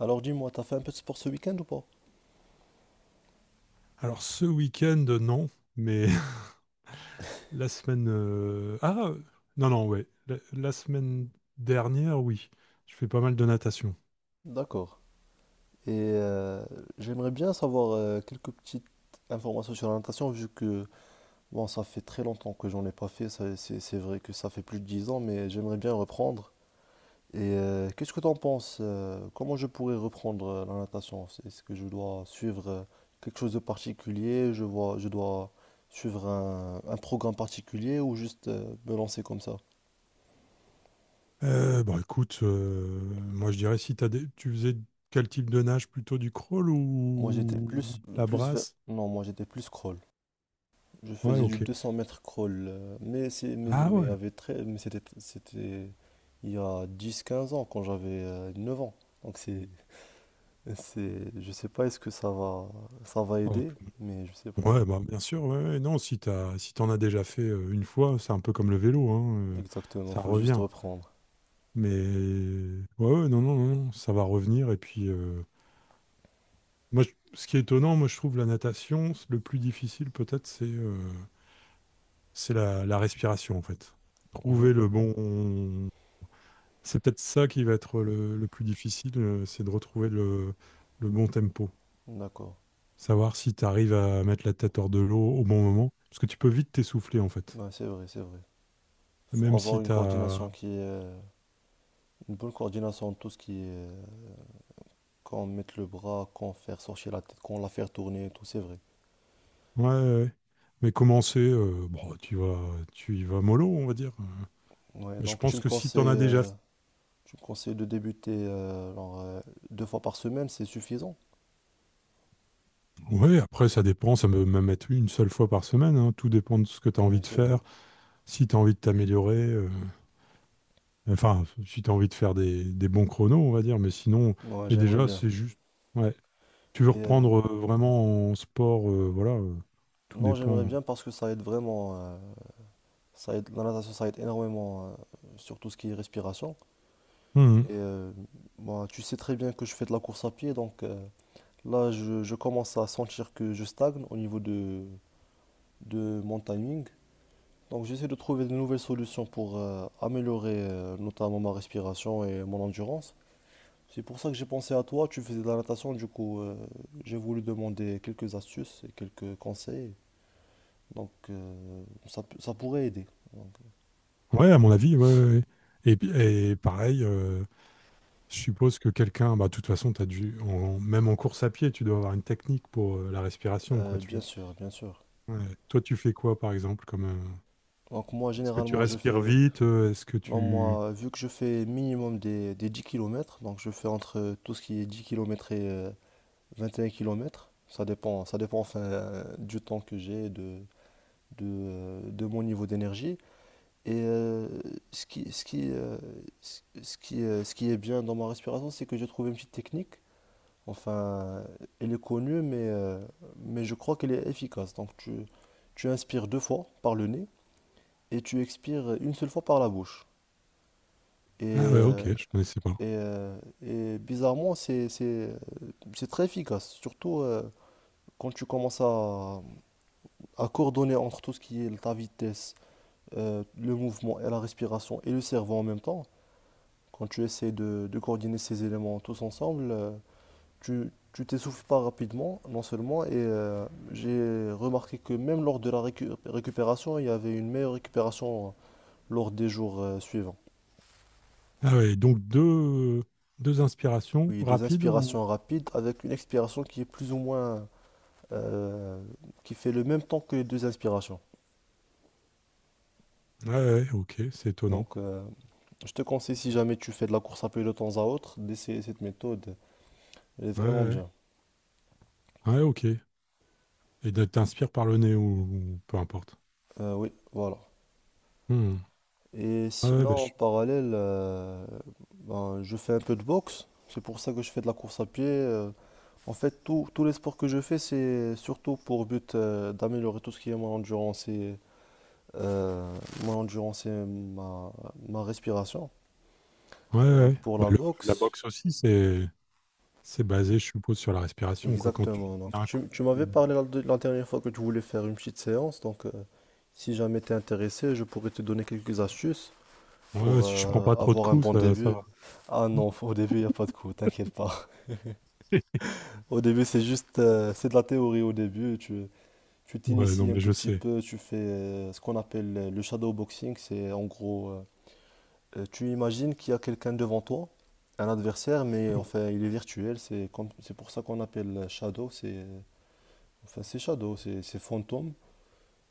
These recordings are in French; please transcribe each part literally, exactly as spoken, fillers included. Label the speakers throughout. Speaker 1: Alors dis-moi, t'as fait un peu de sport ce week-end ou pas?
Speaker 2: Alors ce week-end, non, mais la semaine... euh, Ah, non, non, ouais. La, la semaine dernière, oui. Je fais pas mal de natation.
Speaker 1: D'accord. Et euh, j'aimerais bien savoir euh, quelques petites informations sur la natation, vu que bon, ça fait très longtemps que j'en ai pas fait. ça- C'est c'est vrai que ça fait plus de dix ans, mais j'aimerais bien reprendre. Et euh, qu'est-ce que t'en penses? Euh, comment je pourrais reprendre euh, la natation? C'est- Est-ce que je dois suivre euh, quelque chose de particulier? Je vois, je dois suivre un, un programme particulier ou juste euh, me lancer comme ça?
Speaker 2: Euh, bon, écoute, euh, moi je dirais si t'as des- tu faisais quel type de nage, plutôt du crawl
Speaker 1: Moi, j'étais
Speaker 2: ou
Speaker 1: plus,
Speaker 2: la
Speaker 1: plus vers-
Speaker 2: brasse?
Speaker 1: non, moi, j'étais plus crawl. Je
Speaker 2: Ouais,
Speaker 1: faisais du
Speaker 2: ok.
Speaker 1: deux cents mètres crawl, euh, mais, c'est- mais,
Speaker 2: Ah
Speaker 1: mais,
Speaker 2: ouais.
Speaker 1: avec très, mais c'était, c'était il y a dix quinze ans, quand j'avais euh, neuf ans. Donc c'est, c'est, je sais pas, est-ce que ça va, ça va
Speaker 2: Ah,
Speaker 1: aider, mais je sais pas.
Speaker 2: ouais, bah, bien sûr, ouais, ouais, non, si t'as, si t'en as déjà fait euh, une fois, c'est un peu comme le vélo, hein, euh,
Speaker 1: Exactement,
Speaker 2: ça
Speaker 1: faut juste
Speaker 2: revient.
Speaker 1: reprendre.
Speaker 2: Mais ouais, ouais, non, non, non, non, ça va revenir et puis... euh, Moi, je- Ce qui est étonnant, moi, je trouve la natation, c- le plus difficile peut-être, c'est euh, c'est la, la respiration, en fait. Trouver
Speaker 1: Mhm.
Speaker 2: le bon... C'est peut-être ça qui va être le, le plus difficile, euh, c'est de retrouver le, le bon tempo.
Speaker 1: D'accord.
Speaker 2: Savoir si tu arrives à mettre la tête hors de l'eau au bon moment. Parce que tu peux vite t'essouffler, en fait.
Speaker 1: Ouais, c'est vrai, c'est vrai. Faut
Speaker 2: Même
Speaker 1: avoir
Speaker 2: si
Speaker 1: une
Speaker 2: tu
Speaker 1: coordination
Speaker 2: as...
Speaker 1: qui est, euh, une bonne coordination de tout ce qui est, euh, quand mettre le bras, quand faire sortir la tête, quand la faire tourner, et tout, c'est vrai.
Speaker 2: Ouais, ouais. Mais commencer, euh, bon, tu vas, tu y vas mollo, on va dire. Euh,
Speaker 1: Ouais,
Speaker 2: Mais je
Speaker 1: donc tu
Speaker 2: pense
Speaker 1: me
Speaker 2: que si tu en as
Speaker 1: conseilles,
Speaker 2: déjà.
Speaker 1: euh, je conseille de débuter euh, genre, euh, deux fois par semaine, c'est suffisant.
Speaker 2: Ouais, après, ça dépend. Ça peut même être une seule fois par semaine, hein. Tout dépend de ce que tu as envie
Speaker 1: Oui,
Speaker 2: de
Speaker 1: c'est
Speaker 2: faire.
Speaker 1: vrai.
Speaker 2: Si tu as envie de t'améliorer, euh, enfin, si tu as envie de faire des, des bons chronos, on va dire. Mais sinon,
Speaker 1: Moi,
Speaker 2: mais
Speaker 1: j'aimerais
Speaker 2: déjà,
Speaker 1: bien.
Speaker 2: c'est juste. Ouais. Tu veux
Speaker 1: Et, euh,
Speaker 2: reprendre euh, vraiment en sport, euh, voilà. Euh, tout
Speaker 1: non, j'aimerais
Speaker 2: dépend.
Speaker 1: bien parce que ça aide vraiment. Euh, ça aide, la natation, ça aide énormément euh, sur tout ce qui est respiration.
Speaker 2: Mhm.
Speaker 1: Et euh, moi, tu sais très bien que je fais de la course à pied, donc euh, là, je, je commence à sentir que je stagne au niveau de, de mon timing. Donc, j'essaie de trouver de nouvelles solutions pour euh, améliorer euh, notamment ma respiration et mon endurance. C'est pour ça que j'ai pensé à toi, tu faisais de la natation, du coup euh, j'ai voulu demander quelques astuces et quelques conseils, donc euh, ça, peut- ça pourrait aider.
Speaker 2: Ouais, à mon avis, ouais, ouais, ouais. Et, puis- et pareil, euh, je suppose que quelqu'un, bah, de toute façon, t'as dû, en- même en course à pied, tu dois avoir une technique pour euh, la respiration, quoi.
Speaker 1: Euh, bien
Speaker 2: Tu,
Speaker 1: sûr, bien sûr.
Speaker 2: ouais. Toi, tu fais quoi, par exemple, comme. Euh,
Speaker 1: Donc moi
Speaker 2: Est-ce que tu
Speaker 1: généralement je
Speaker 2: respires
Speaker 1: fais,
Speaker 2: vite? euh, Est-ce que
Speaker 1: non
Speaker 2: tu...
Speaker 1: moi vu que je fais minimum des, des dix kilomètres, donc je fais entre tout ce qui est dix kilomètres et euh, vingt et un kilomètres. Ça dépend, ça dépend, enfin, euh, du temps que j'ai, de, de, euh, de mon niveau d'énergie. Et euh, ce qui, ce qui, euh, ce ce qui, euh, ce qui est bien dans ma respiration, c'est que j'ai trouvé une petite technique. Enfin, elle est connue, mais, euh, mais je crois qu'elle est efficace. Donc, tu, tu inspires deux fois par le nez et tu expires une seule fois par la bouche. Et,
Speaker 2: Ah ouais,
Speaker 1: euh,
Speaker 2: ok, je connaissais pas.
Speaker 1: et, euh, et bizarrement, c'est, c'est, euh, c'est très efficace, surtout euh, quand tu commences à, à coordonner entre tout ce qui est ta vitesse, euh, le mouvement et la respiration et le cerveau en même temps. Quand tu essaies de, de coordonner ces éléments tous ensemble, euh, tu, tu t'essouffles pas rapidement, non seulement, et euh, j'ai remarqué que même lors de la récu- récupération, il y avait une meilleure récupération euh, lors des jours euh, suivants.
Speaker 2: Ah ouais, donc deux, deux inspirations
Speaker 1: Oui, deux
Speaker 2: rapides ou...
Speaker 1: inspirations rapides avec une expiration qui est plus ou moins, euh, qui fait le même temps que les deux inspirations.
Speaker 2: Ah ouais, ouais, ok, c'est étonnant.
Speaker 1: Donc, euh, je te conseille, si jamais tu fais de la course à pied de temps à autre, d'essayer cette méthode. Elle est
Speaker 2: Ouais, ouais,
Speaker 1: vraiment
Speaker 2: ouais,
Speaker 1: bien.
Speaker 2: ah ouais, ok. Et de- t'inspires par le nez ou, ou peu importe.
Speaker 1: Euh, oui, voilà.
Speaker 2: Hmm.
Speaker 1: Et
Speaker 2: Ouais, ouais, bah,
Speaker 1: sinon, en
Speaker 2: je-
Speaker 1: parallèle, euh, ben, je fais un peu de boxe. C'est pour ça que je fais de la course à pied. euh. En fait, tout- tous les sports que je fais, c'est surtout pour but euh, d'améliorer tout ce qui est mon endurance et, euh, mon endurance et ma, ma respiration.
Speaker 2: ouais, ouais,
Speaker 1: Euh,
Speaker 2: ouais.
Speaker 1: pour
Speaker 2: Bah,
Speaker 1: la
Speaker 2: le- la
Speaker 1: boxe,
Speaker 2: boxe aussi, c'est c'est basé, je suppose, sur la respiration, quoi. Quand tu
Speaker 1: exactement. Donc,
Speaker 2: d'un coup...
Speaker 1: tu, tu m'avais
Speaker 2: tu-
Speaker 1: parlé la, de- la dernière fois que tu voulais faire une petite séance. Donc, euh, si jamais tu es intéressé, je pourrais te donner quelques astuces
Speaker 2: Ouais, ouais,
Speaker 1: pour
Speaker 2: si je prends
Speaker 1: euh,
Speaker 2: pas trop de
Speaker 1: avoir un
Speaker 2: coups,
Speaker 1: bon
Speaker 2: ça, ça
Speaker 1: début.
Speaker 2: va.
Speaker 1: Ah non, faut- au début, il n'y a pas de coup, t'inquiète pas. Au début, c'est juste, euh, c'est de la théorie au début. Tu, tu
Speaker 2: Ouais, non,
Speaker 1: t'inities un
Speaker 2: mais
Speaker 1: tout
Speaker 2: je
Speaker 1: petit
Speaker 2: sais.
Speaker 1: peu, tu fais euh, ce qu'on appelle euh, le shadow boxing. C'est en gros, euh, euh, tu imagines qu'il y a quelqu'un devant toi, un adversaire, mais
Speaker 2: Hmm.
Speaker 1: enfin, il est virtuel. C'est comme, c'est pour ça qu'on appelle euh, shadow. C'est, euh, enfin, c'est shadow, c'est, c'est fantôme.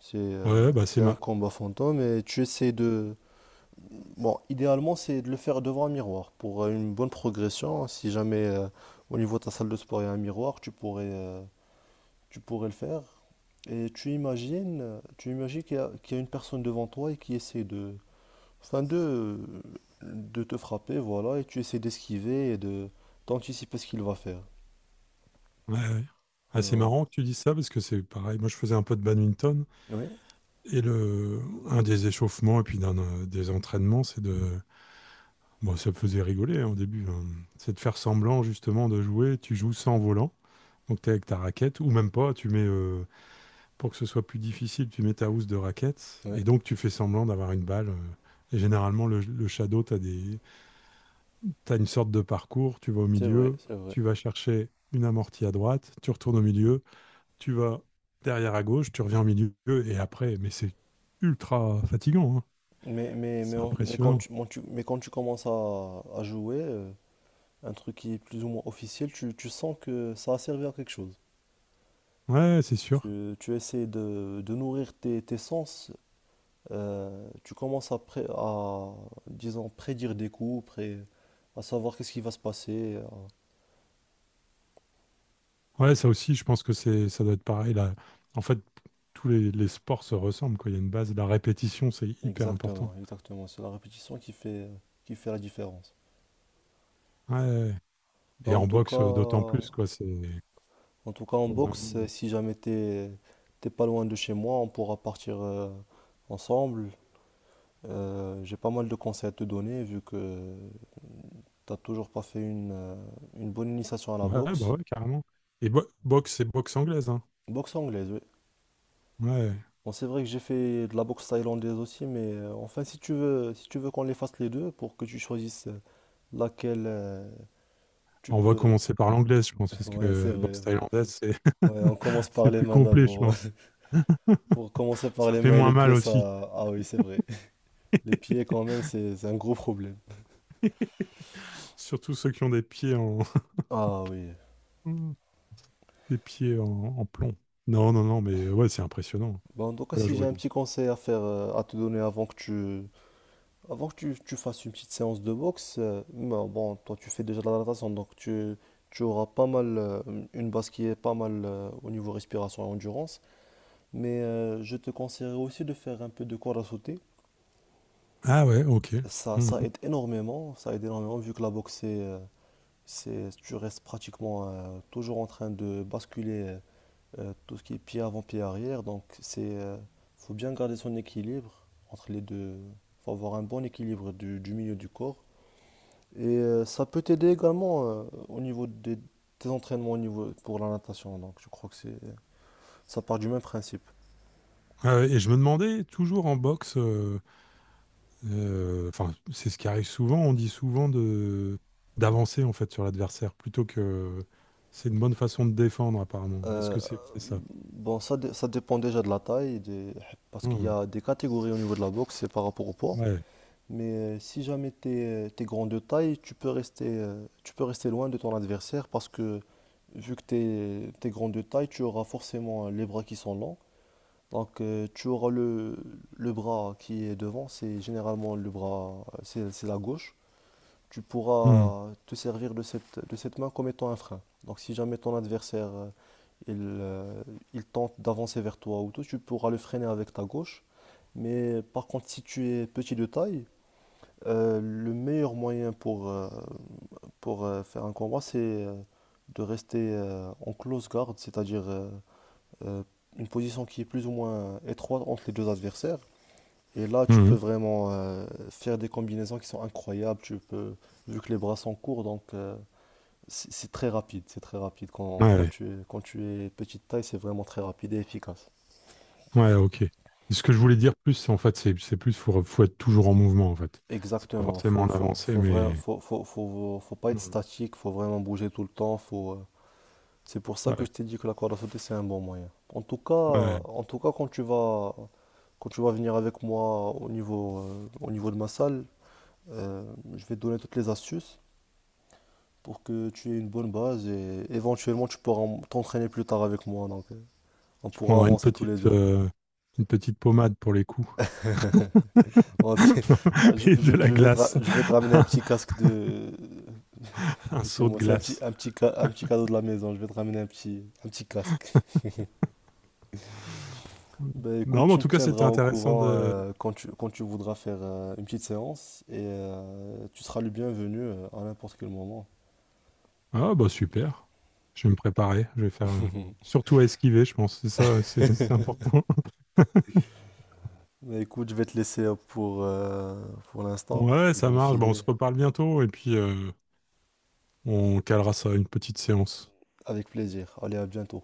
Speaker 1: C'est,
Speaker 2: Ouais,
Speaker 1: euh,
Speaker 2: ouais, bah c'est
Speaker 1: c'est un
Speaker 2: ma...
Speaker 1: combat fantôme et tu essaies de, bon, idéalement, c'est de le faire devant un miroir pour euh, une bonne progression. Si jamais euh, au niveau de ta salle de sport il y a un miroir, tu pourrais, euh, tu pourrais le faire. Et tu imagines, euh, tu imagines qu'il y a, qu'il y a une personne devant toi et qui essaie de, enfin de, euh, de te frapper, voilà, et tu essaies d'esquiver et de d'anticiper ce qu'il va faire.
Speaker 2: Ouais, ouais. Ah, c'est
Speaker 1: Euh,
Speaker 2: marrant que tu dises ça parce que c'est pareil. Moi, je faisais un peu de badminton
Speaker 1: oui,
Speaker 2: et le, un des échauffements et puis d'un euh, des entraînements, c'est de, bon, ça me faisait rigoler hein, au début, hein. C'est de faire semblant justement de jouer. Tu joues sans volant, donc t'es avec ta raquette ou même pas. Tu mets euh, pour que ce soit plus difficile, tu mets ta housse de raquette
Speaker 1: oui,
Speaker 2: et donc tu fais semblant d'avoir une balle. euh. Et généralement, le, le shadow, t'as des, t'as une sorte de parcours. Tu vas au
Speaker 1: c'est vrai,
Speaker 2: milieu,
Speaker 1: c'est vrai.
Speaker 2: tu vas chercher une amortie à droite, tu retournes au milieu. Tu vas derrière à gauche, tu reviens au milieu et après, mais c'est ultra fatigant, hein.
Speaker 1: Mais, mais, mais,
Speaker 2: C'est
Speaker 1: on- mais quand
Speaker 2: impressionnant.
Speaker 1: tu, mon- tu- mais quand tu commences à, à jouer, euh, un truc qui est plus ou moins officiel, tu, tu sens que ça a servi à quelque chose.
Speaker 2: Ouais, c'est sûr.
Speaker 1: Tu, tu essaies de, de nourrir tes, tes sens, euh, tu commences à, pré- à, disons, prédire des coups, pré- à savoir qu'est-ce qui va se passer. à-
Speaker 2: Ouais, ça aussi, je pense que c'est, ça doit être pareil. Là. En fait, tous les, les sports se ressemblent, quoi. Il y a une base, la répétition, c'est hyper important.
Speaker 1: Exactement, exactement. C'est la répétition qui fait, qui fait la différence.
Speaker 2: Ouais.
Speaker 1: Bah,
Speaker 2: Et
Speaker 1: en
Speaker 2: en
Speaker 1: tout cas,
Speaker 2: boxe, euh, d'autant
Speaker 1: en
Speaker 2: plus, quoi. C'est
Speaker 1: tout cas, en
Speaker 2: Faut
Speaker 1: boxe,
Speaker 2: vraiment.
Speaker 1: euh, si jamais t'es, t'es pas loin de chez moi, on pourra partir euh, ensemble. Euh, j'ai pas mal de conseils à te donner vu que t'as toujours pas fait une, euh, une bonne initiation à la
Speaker 2: Ouais, bah
Speaker 1: boxe.
Speaker 2: ouais, carrément. Et bo- boxe, c'est boxe anglaise, hein.
Speaker 1: Boxe anglaise, oui.
Speaker 2: Ouais.
Speaker 1: Bon, c'est vrai que j'ai fait de la boxe thaïlandaise aussi, mais euh, enfin, si tu veux, si tu veux qu'on les fasse les deux pour que tu choisisses euh, laquelle euh, tu
Speaker 2: On va
Speaker 1: peux.
Speaker 2: commencer par l'anglaise, je pense, parce
Speaker 1: Ouais, c'est
Speaker 2: que
Speaker 1: vrai.
Speaker 2: boxe
Speaker 1: Bon.
Speaker 2: thaïlandaise, c'est
Speaker 1: Ouais, on commence par
Speaker 2: c'est
Speaker 1: les
Speaker 2: plus
Speaker 1: mains
Speaker 2: complet, je
Speaker 1: d'abord.
Speaker 2: pense.
Speaker 1: Pour commencer par
Speaker 2: Ça
Speaker 1: les
Speaker 2: fait
Speaker 1: mains et
Speaker 2: moins
Speaker 1: les
Speaker 2: mal
Speaker 1: pieds,
Speaker 2: aussi.
Speaker 1: ça. Ah oui, c'est vrai. Les pieds, quand même, c'est c'est un gros problème.
Speaker 2: Surtout ceux qui ont des pieds en,
Speaker 1: Ah oui.
Speaker 2: des pieds en, en plomb. Non, non, non, mais ouais, c'est impressionnant.
Speaker 1: Bon, en tout cas,
Speaker 2: Voilà,
Speaker 1: si
Speaker 2: je
Speaker 1: j'ai un
Speaker 2: regarde.
Speaker 1: petit conseil à faire, euh, à te donner avant que tu, avant que tu, tu fasses une petite séance de boxe, euh, ben, bon, toi tu fais déjà de la natation, donc tu, tu auras pas mal, euh, une base qui est pas mal euh, au niveau respiration et endurance. Mais euh, je te conseillerais aussi de faire un peu de corde à sauter.
Speaker 2: Ah ouais, ok.
Speaker 1: Ça, ça
Speaker 2: Mhm.
Speaker 1: aide énormément, ça aide énormément vu que la boxe, c'est, euh, c'est- tu restes pratiquement euh, toujours en train de basculer euh, tout ce qui est pied avant, pied arrière. Donc c'est, euh, faut bien garder son équilibre entre les deux. Faut avoir un bon équilibre du du milieu du corps. Et euh, ça peut t'aider également euh, au niveau des, tes entraînements au niveau pour la natation. Donc je crois que c'est ça part du même principe.
Speaker 2: Ah ouais, et je me demandais, toujours en boxe, euh, euh, enfin, c'est ce qui arrive souvent, on dit souvent de d'avancer en fait sur l'adversaire, plutôt que c'est une bonne façon de défendre apparemment. Est-ce
Speaker 1: Euh,
Speaker 2: que c'est vrai, ça?
Speaker 1: bon, ça, dé- ça dépend déjà de la taille, des- parce qu'il y
Speaker 2: Mhm.
Speaker 1: a des catégories au niveau de la boxe, c'est par rapport au poids.
Speaker 2: Ouais.
Speaker 1: Mais euh, si jamais tu es grand de taille, tu peux rester, euh, tu peux rester loin de ton adversaire parce que vu que tu es grand de taille, tu auras forcément euh, les bras qui sont longs. Donc euh, tu auras le, le bras qui est devant, c'est généralement le bras, euh, c'est c'est la gauche. Tu
Speaker 2: Mhm.
Speaker 1: pourras te servir de cette, de cette main comme étant un frein. Donc si jamais ton adversaire euh, il, euh, il tente d'avancer vers toi ou tout, tu pourras le freiner avec ta gauche. Mais par contre si tu es petit de taille, euh, le meilleur moyen pour, euh, pour euh, faire un combat c'est euh, de rester euh, en close guard, c'est-à-dire euh, euh, une position qui est plus ou moins étroite entre les deux adversaires. Et là, tu peux
Speaker 2: Mhm.
Speaker 1: vraiment euh, faire des combinaisons qui sont incroyables. Tu peux, vu que les bras sont courts, donc euh, c'est c'est très rapide. C'est très rapide. Quand, quand
Speaker 2: Ouais.
Speaker 1: tu es, quand tu es petite taille, c'est vraiment très rapide et efficace.
Speaker 2: Ouais, ok. Et ce que je voulais dire plus, c'est en fait, c'est c'est plus, faut, faut être toujours en mouvement en fait. C'est pas
Speaker 1: Exactement.
Speaker 2: forcément
Speaker 1: Faut,
Speaker 2: en
Speaker 1: faut,
Speaker 2: avancée,
Speaker 1: faut, vra-
Speaker 2: mais...
Speaker 1: faut, faut, faut- Faut pas être
Speaker 2: Hmm.
Speaker 1: statique. Faut vraiment bouger tout le temps. Faut, euh, C'est pour ça que
Speaker 2: Ouais,
Speaker 1: je t'ai dit que la corde à sauter, c'est un bon moyen. En tout cas,
Speaker 2: ouais.
Speaker 1: en tout cas, quand tu vas, quand tu vas venir avec moi au niveau, euh, au niveau de ma salle, euh, je vais te donner toutes les astuces pour que tu aies une bonne base et éventuellement tu pourras t'entraîner plus tard avec moi. Donc euh, on
Speaker 2: Je
Speaker 1: pourra
Speaker 2: prendrai une
Speaker 1: avancer tous les
Speaker 2: petite,
Speaker 1: deux.
Speaker 2: euh, une petite pommade pour les coups
Speaker 1: Bon, c'est- ah, je,
Speaker 2: et de
Speaker 1: je-
Speaker 2: la
Speaker 1: je vais te ra-
Speaker 2: glace,
Speaker 1: je vais te ramener un petit casque de,
Speaker 2: un
Speaker 1: de chez
Speaker 2: seau de
Speaker 1: moi. C'est un petit,
Speaker 2: glace.
Speaker 1: un petit, ca- un petit cadeau de la maison. Je vais te ramener un petit, un petit casque. Ben écoute,
Speaker 2: Non, mais en
Speaker 1: tu me
Speaker 2: tout cas,
Speaker 1: tiendras
Speaker 2: c'était
Speaker 1: au
Speaker 2: intéressant
Speaker 1: courant
Speaker 2: de.
Speaker 1: euh, quand tu, quand tu voudras faire euh, une petite séance et euh, tu seras le bienvenu euh, à n'importe quel moment.
Speaker 2: Ah, bah super. Je vais me préparer. Je vais faire. euh, Surtout à esquiver, je pense. C'est ça, c'est c'est important.
Speaker 1: Ben écoute, je vais te laisser euh, pour, euh, pour l'instant.
Speaker 2: Ouais,
Speaker 1: Je
Speaker 2: ça
Speaker 1: dois
Speaker 2: marche. Bah, on
Speaker 1: filer.
Speaker 2: se reparle bientôt et puis euh, on calera ça, à une petite séance.
Speaker 1: Avec plaisir. Allez, à bientôt.